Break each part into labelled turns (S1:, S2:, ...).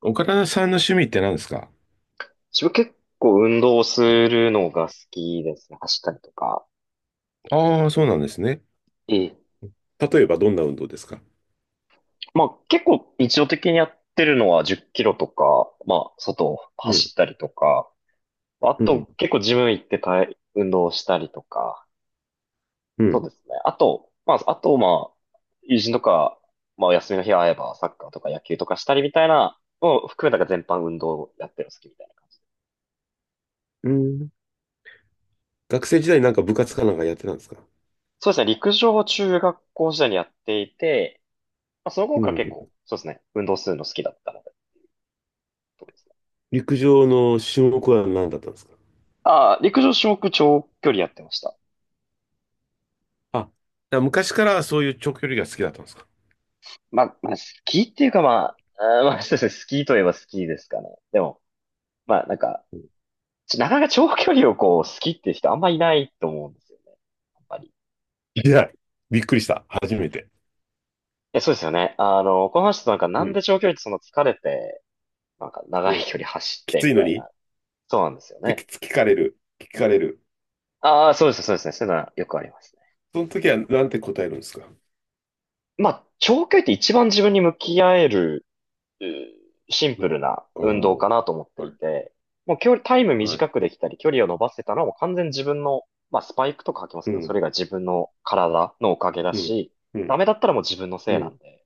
S1: 岡田さんの趣味って何ですか？
S2: 自分結構運動するのが好きですね。走ったりとか。
S1: ああー、そうなんですね。
S2: ええ、
S1: 例えばどんな運動ですか？
S2: まあ結構日常的にやってるのは10キロとか、まあ外を
S1: う
S2: 走
S1: ん、
S2: ったりとか、あ
S1: うん、
S2: と結構ジム行って体運動したりとか、
S1: う
S2: そう
S1: ん、
S2: ですね。あと、まあ友人とか、まあお休みの日会えばサッカーとか野球とかしたりみたいなのを含めたが全般運動をやってるの好きみたいな感じ。
S1: うん。学生時代なんか部活かなんかやってたんですか？
S2: そうですね。陸上を中学校時代にやっていて、まあその頃
S1: う
S2: から結
S1: ん。
S2: 構そうですね。運動するの好きだったのでとかですね。
S1: 陸上の種目は何だったんですか？
S2: ああ、陸上種目長距離やってました。
S1: あ、だから昔からそういう長距離が好きだったんですか？
S2: まあ、スキーっていうかまあ、まあ、そうですね、スキーといえばスキーですかね。でも、まあなんか、なかなか長距離をこう、スキーっていう人あんまいないと思うんですよね。あんまり。
S1: いや、びっくりした。初めて。
S2: え、そうですよね。あの、この話となんか
S1: う
S2: なんで
S1: ん、
S2: 長距離ってその疲れて、なんか長
S1: う
S2: い
S1: ん。
S2: 距離走っ
S1: き
S2: て
S1: つ
S2: み
S1: いの
S2: たい
S1: にっ
S2: な。そうなんですよ
S1: て
S2: ね。
S1: 聞かれる。聞かれる。
S2: ああ、そうですね。そういうのはよくありますね。
S1: その時はなんて答えるんですか？
S2: まあ、長距離って一番自分に向き合えるシンプルな
S1: あ
S2: 運動かなと思っ
S1: あ、
S2: て
S1: は
S2: い
S1: い、
S2: て、もう距離、タイム
S1: は
S2: 短
S1: い。
S2: くできたり、距離を伸ばせたのはもう完全に自分の、まあスパイクとか履きます
S1: う
S2: けど、そ
S1: ん、
S2: れが自分の体のおかげだ
S1: うん、
S2: し、
S1: う
S2: ダ
S1: ん、
S2: メだったらもう自分の
S1: う
S2: せいな
S1: ん、
S2: んで、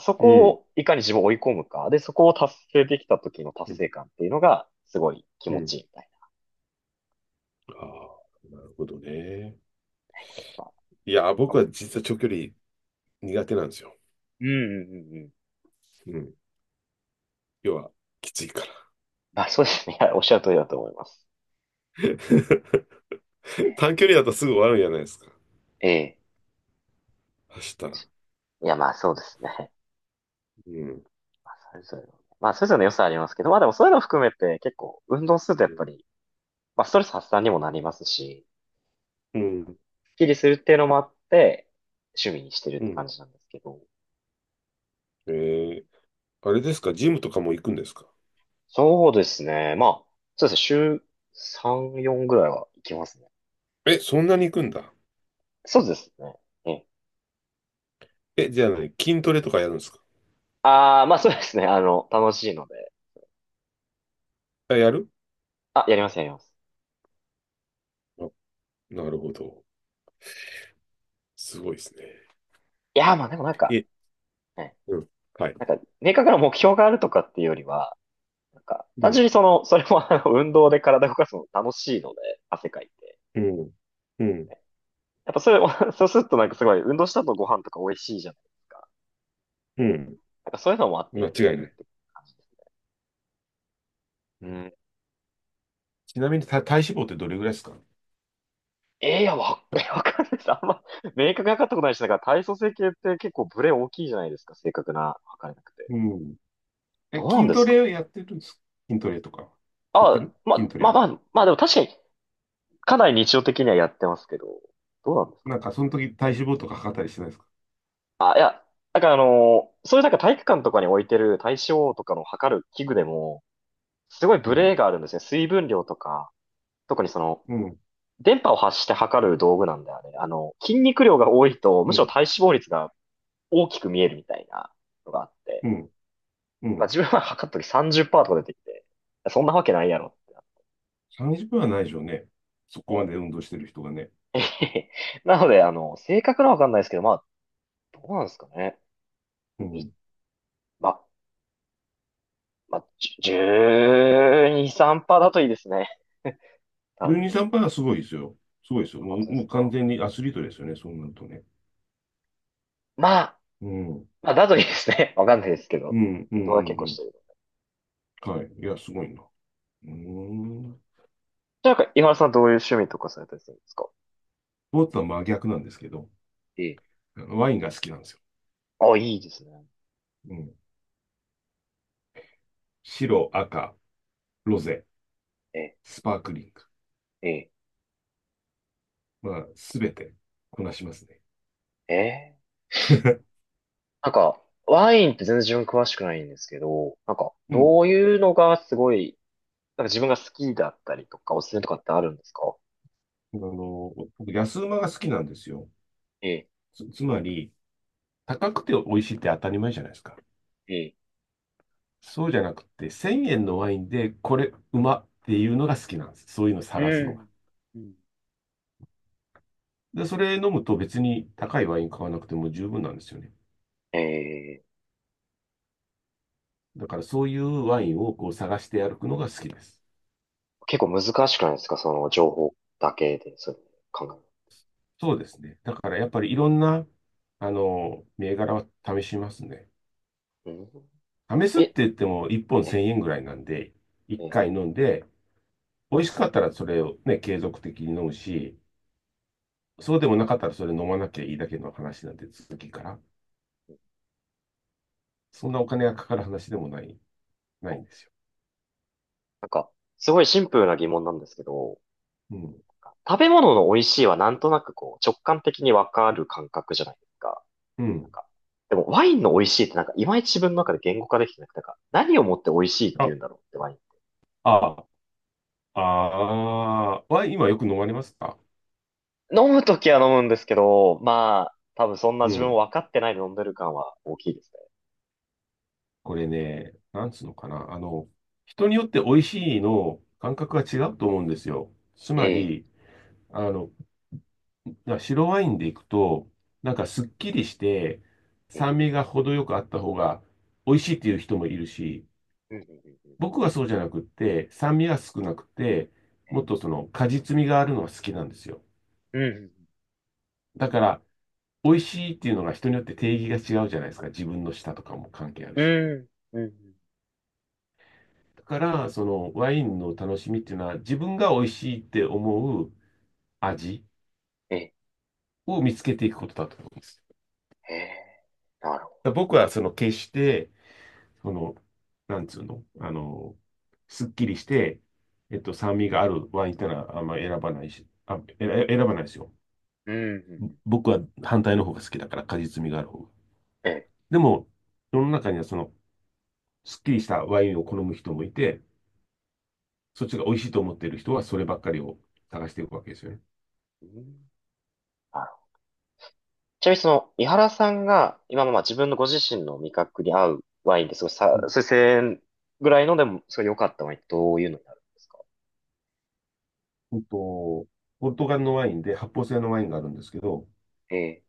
S2: そ
S1: う
S2: こ
S1: ん、
S2: をいかに自分を追い込むか、で、そこを達成できた時の
S1: う
S2: 達
S1: ん、
S2: 成感っていうのが、すごい気
S1: う
S2: 持
S1: ん。
S2: ちいいみたい
S1: ああ、なるほどね。
S2: な。ま
S1: いや、僕
S2: あ、
S1: は実は長距離苦手なんですよ。
S2: うんうんうんうん。
S1: うん。要は、きついから。
S2: まあそうですね。いやおっしゃる通りだと思います。
S1: 短距離だとすぐ終わるんじゃないですか。
S2: ええ。
S1: 走ったら。
S2: いやまあそうですね。
S1: うん。
S2: まあそれぞれのね、まあそれぞれの良さありますけど、まあでもそういうのを含めて結構運動するとやっぱりまあ、ストレス発散にもなりますし、
S1: うん。
S2: スッキリするっていうのもあって、趣味にしてるっ
S1: う
S2: て
S1: ん。
S2: 感じなんですけど。
S1: えー、あれですかジムとかも行くんですか？
S2: そうですね。週3、4ぐらいは行きますね。
S1: え、そんなに行くんだ。
S2: そうですね。ええ。
S1: え、じゃあ何筋トレとかやるんですか？
S2: ああ、まあそうですね。あの、楽しいので。
S1: あ、やる。
S2: あ、やります。
S1: あ、なるほど。すごいですね。
S2: いやー、まあでもなんか、
S1: え、
S2: ね、
S1: うん。はい。
S2: なんか、明確な目標があるとかっていうよりは、なんか、
S1: う
S2: 単
S1: ん。
S2: 純にその、それもあの、運動で体動かすの楽しいので、汗かいて。
S1: うん。うん。
S2: ね、やっぱそれ、そうするとなんかすごい、運動した後ご飯とか美味しいじゃないですか。
S1: うん。
S2: なんかそういうのもあって
S1: 間
S2: や
S1: 違
S2: って
S1: いな
S2: るっ
S1: い。
S2: て感じです。
S1: うん。ちなみに体脂肪ってどれぐらいですか？
S2: えー、いや、わかんないです。あんま、明確に分かったことないし、なんか体組成計って結構ブレ大きいじゃないですか。正確な測れなくて。
S1: うん。え、
S2: どうなん
S1: 筋
S2: で
S1: ト
S2: すか。
S1: レやってるんですか？筋トレとか。やってる筋トレは。
S2: まあでも確かに、かなり日常的にはやってますけど、どうなんですか
S1: な
S2: ね。
S1: んか、その時体脂肪とか測ったりしてないですか？
S2: いや、そういうなんか体育館とかに置いてる体脂肪とかの測る器具でも、すごい
S1: う
S2: ブレ
S1: ん。
S2: があるんですね。水分量とか、特にその、
S1: うん。
S2: 電波を発して測る道具なんだよね。あの、筋肉量が多いと、む
S1: う
S2: しろ
S1: ん。
S2: 体脂肪率が大きく見えるみたいなのがあっ
S1: う
S2: て、
S1: ん。う
S2: まあ、
S1: ん。
S2: 自分は測った時30%とか出てきて、そんなわけないやろってなっ
S1: 30分はないでしょうね。そこまで運動してる人がね。
S2: て。なので、あの、正確なわかんないですけど、まあ、どうなんですかね。
S1: う
S2: み
S1: ん。
S2: まあ、まあ、12、3%だといいですね。多
S1: 12、
S2: 分。
S1: 3%はすごいですよ。すごいですよ。も
S2: 本
S1: う、
S2: 当で
S1: も
S2: す
S1: う完
S2: か。
S1: 全にアスリートですよね。そうなるとね。
S2: まあ、
S1: うん。うん。
S2: まあ、だといいですね。わかんないですけ
S1: う
S2: ど。
S1: ん。うん。
S2: 運動は結構
S1: う
S2: し
S1: ん。
S2: てる。
S1: はい。いや、すごいな。うーん。ス
S2: じゃあ、井原さんはどういう趣味とかされたりするんですか。
S1: ポーツは真逆なんですけど、
S2: ええ。
S1: ワインが好きなんですよ。
S2: あ、いいですね。
S1: うん。白、赤、ロゼ、
S2: ええ、
S1: スパークリング。
S2: ええ、
S1: まあ、すべてこなしますね。
S2: ええ。なんか、ワインって全然自分詳しくないんですけど、なんか、
S1: うん。
S2: どういうのがすごい、なんか自分が好きだったりとか、おすすめとかってあるんですか。
S1: 僕、安馬が好きなんですよ。
S2: ええ、
S1: つまり、高くて美味しいって当たり前じゃないですか。
S2: ええ
S1: そうじゃなくて、1000円のワインで、これ、うまっていうのが好きなんです。そういうのを
S2: う
S1: 探すのが。
S2: ん。うん
S1: で、それ飲むと別に高いワイン買わなくても十分なんですよね。
S2: え、
S1: だから、そういうワインをこう探して歩くのが好きです。
S2: 結構難しくないですかその情報だけで、そういうの考
S1: そうですね。だから、やっぱりいろんな、銘柄は試しますね。
S2: える。
S1: 試
S2: う
S1: す
S2: ん、
S1: って
S2: え、
S1: 言っても1本
S2: え、
S1: 1000円ぐらいなんで、1回
S2: え、
S1: 飲んで、美味しかったらそれをね、継続的に飲むし、そうでもなかったらそれ飲まなきゃいいだけの話なんで、続きから。そんなお金がかかる話でもない、ないんですよ。
S2: なんか、すごいシンプルな疑問なんですけど、
S1: うん。
S2: 食べ物の美味しいはなんとなくこう、直感的にわかる感覚じゃないですか。
S1: う
S2: なん
S1: ん。
S2: か、でもワインの美味しいってなんか、いまいち自分の中で言語化できてなくて、なんか、何をもって美味しいって言
S1: あ、
S2: うんだろうってワイン。
S1: あワイン今よく飲まれますか？
S2: 飲むときは飲むんですけど、まあ、多分そんな
S1: う
S2: 自分を
S1: ん。
S2: 分かってないで飲んでる感は大きいですね。
S1: これね、なんつうのかな。人によって美味しいの感覚が違うと思うんですよ。つま
S2: え
S1: り、あの、白ワインでいくと、なんかすっきりして、
S2: え、え
S1: 酸味が程よくあった方が美味しいっていう人もいるし、
S2: え、ねう
S1: 僕はそうじゃなくって、酸味が少なくて、もっとその果実味があるのが好きなんですよ。
S2: ん
S1: だから、美味しいっていうのが人によって定義が違うじゃないですか。自分の舌とかも関係ある
S2: う
S1: し。
S2: んうんうんうんうんうんうん
S1: だから、そのワインの楽しみっていうのは、自分が美味しいって思う味
S2: ええ、
S1: を見つけていくことだと思うんです。
S2: ええ、なるほ
S1: だから僕はその決して、その、なんつうの、すっきりして、酸味があるワインってのはあんま選ばないし、あ、選ばないですよ。
S2: ど。うん
S1: 僕は反対の方が好きだから、果実味がある方が。
S2: ええ、
S1: でも、世の中にはその、すっきりしたワインを好む人もいて、そっちが美味しいと思っている人はそればっかりを探していくわけですよね。
S2: うんなるほど。ちなみにその、井原さんが、今のまあ自分のご自身の味覚に合うワインですごい
S1: うん。
S2: そう1000円ぐらいのでも、すごい良かったワインってどういうのになるんですか。
S1: うんと、ポルトガルのワインで発泡性のワインがあるんですけど、
S2: ええ、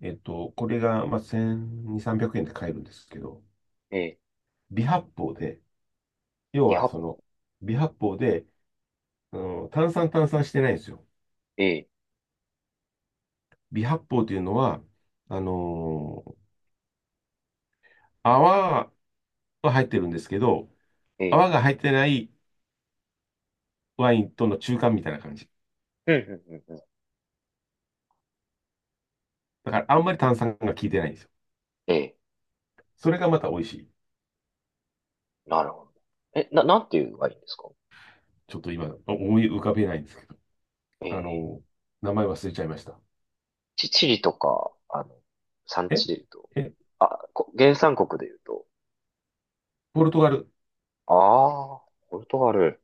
S1: これが、まあ、1200、300円で買えるんですけど、
S2: ええ、
S1: 微発泡で、要
S2: リ
S1: は
S2: ハ、
S1: その、微発泡で、炭酸炭酸してないんですよ。
S2: ええ、
S1: 微発泡というのは、あのー泡は入ってるんですけど、
S2: ええ、
S1: 泡が入ってないワインとの中間みたいな感じ。
S2: うん、うん、うん、うん。
S1: だからあんまり炭酸が効いてないんですよ。
S2: ええ、
S1: それがまた美味しい。
S2: なるほど。なんていういんですか。
S1: ちょっと今思い浮かべないんですけど。
S2: え
S1: あ
S2: え、
S1: の、名前忘れちゃいました。
S2: チリとか、あの、産地
S1: え
S2: で言うと、
S1: え、
S2: 原産国で言うと、
S1: ポルトガル。
S2: ああ、ポルトガル。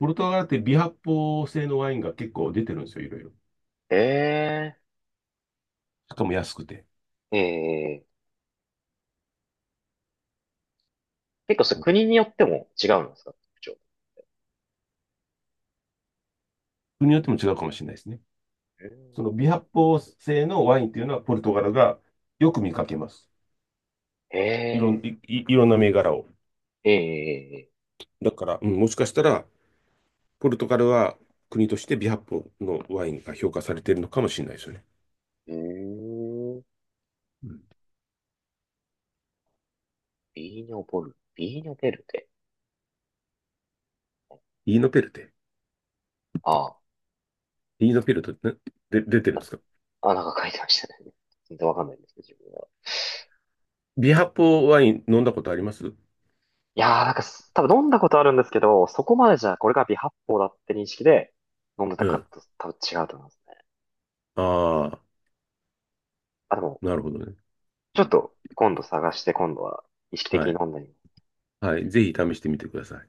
S1: ポルトガルって微発泡性のワインが結構出てるんですよ、いろいろ。
S2: え
S1: しかも安くて。
S2: え、ええ、結構それ国によっても違うんですか特徴。
S1: 国によっても違うかもしれないですね。
S2: う
S1: その
S2: ん
S1: 微発泡性のワインっていうのはポルトガルがよく見かけます。
S2: ええ、
S1: いろんな銘柄を。
S2: ええ、
S1: だから、うん、もしかしたらポルトガルは国としてビハッポのワインが評価されているのかもしれないですよね。
S2: うーん、
S1: うん。
S2: ビーニョベルテ。
S1: イーノペルテ。
S2: あ
S1: イーノペルテって、ね、で出てるんで
S2: あ、
S1: すか？
S2: あ、なんか書いてましたね。全然わかんないんですけど、自分は。
S1: ビハッポワイン飲んだことあります？
S2: いやー、なんかす、多分飲んだことあるんですけど、そこまでじゃ、これが微発泡だって認識で飲んでた
S1: う
S2: か
S1: ん。
S2: と、多分違うと思いますね。
S1: ああ、
S2: あ、でも、
S1: なるほどね。
S2: ちょっと、今度探して、今度は意識的
S1: は
S2: に
S1: い。
S2: 飲んでみ
S1: はい。ぜひ試してみてください。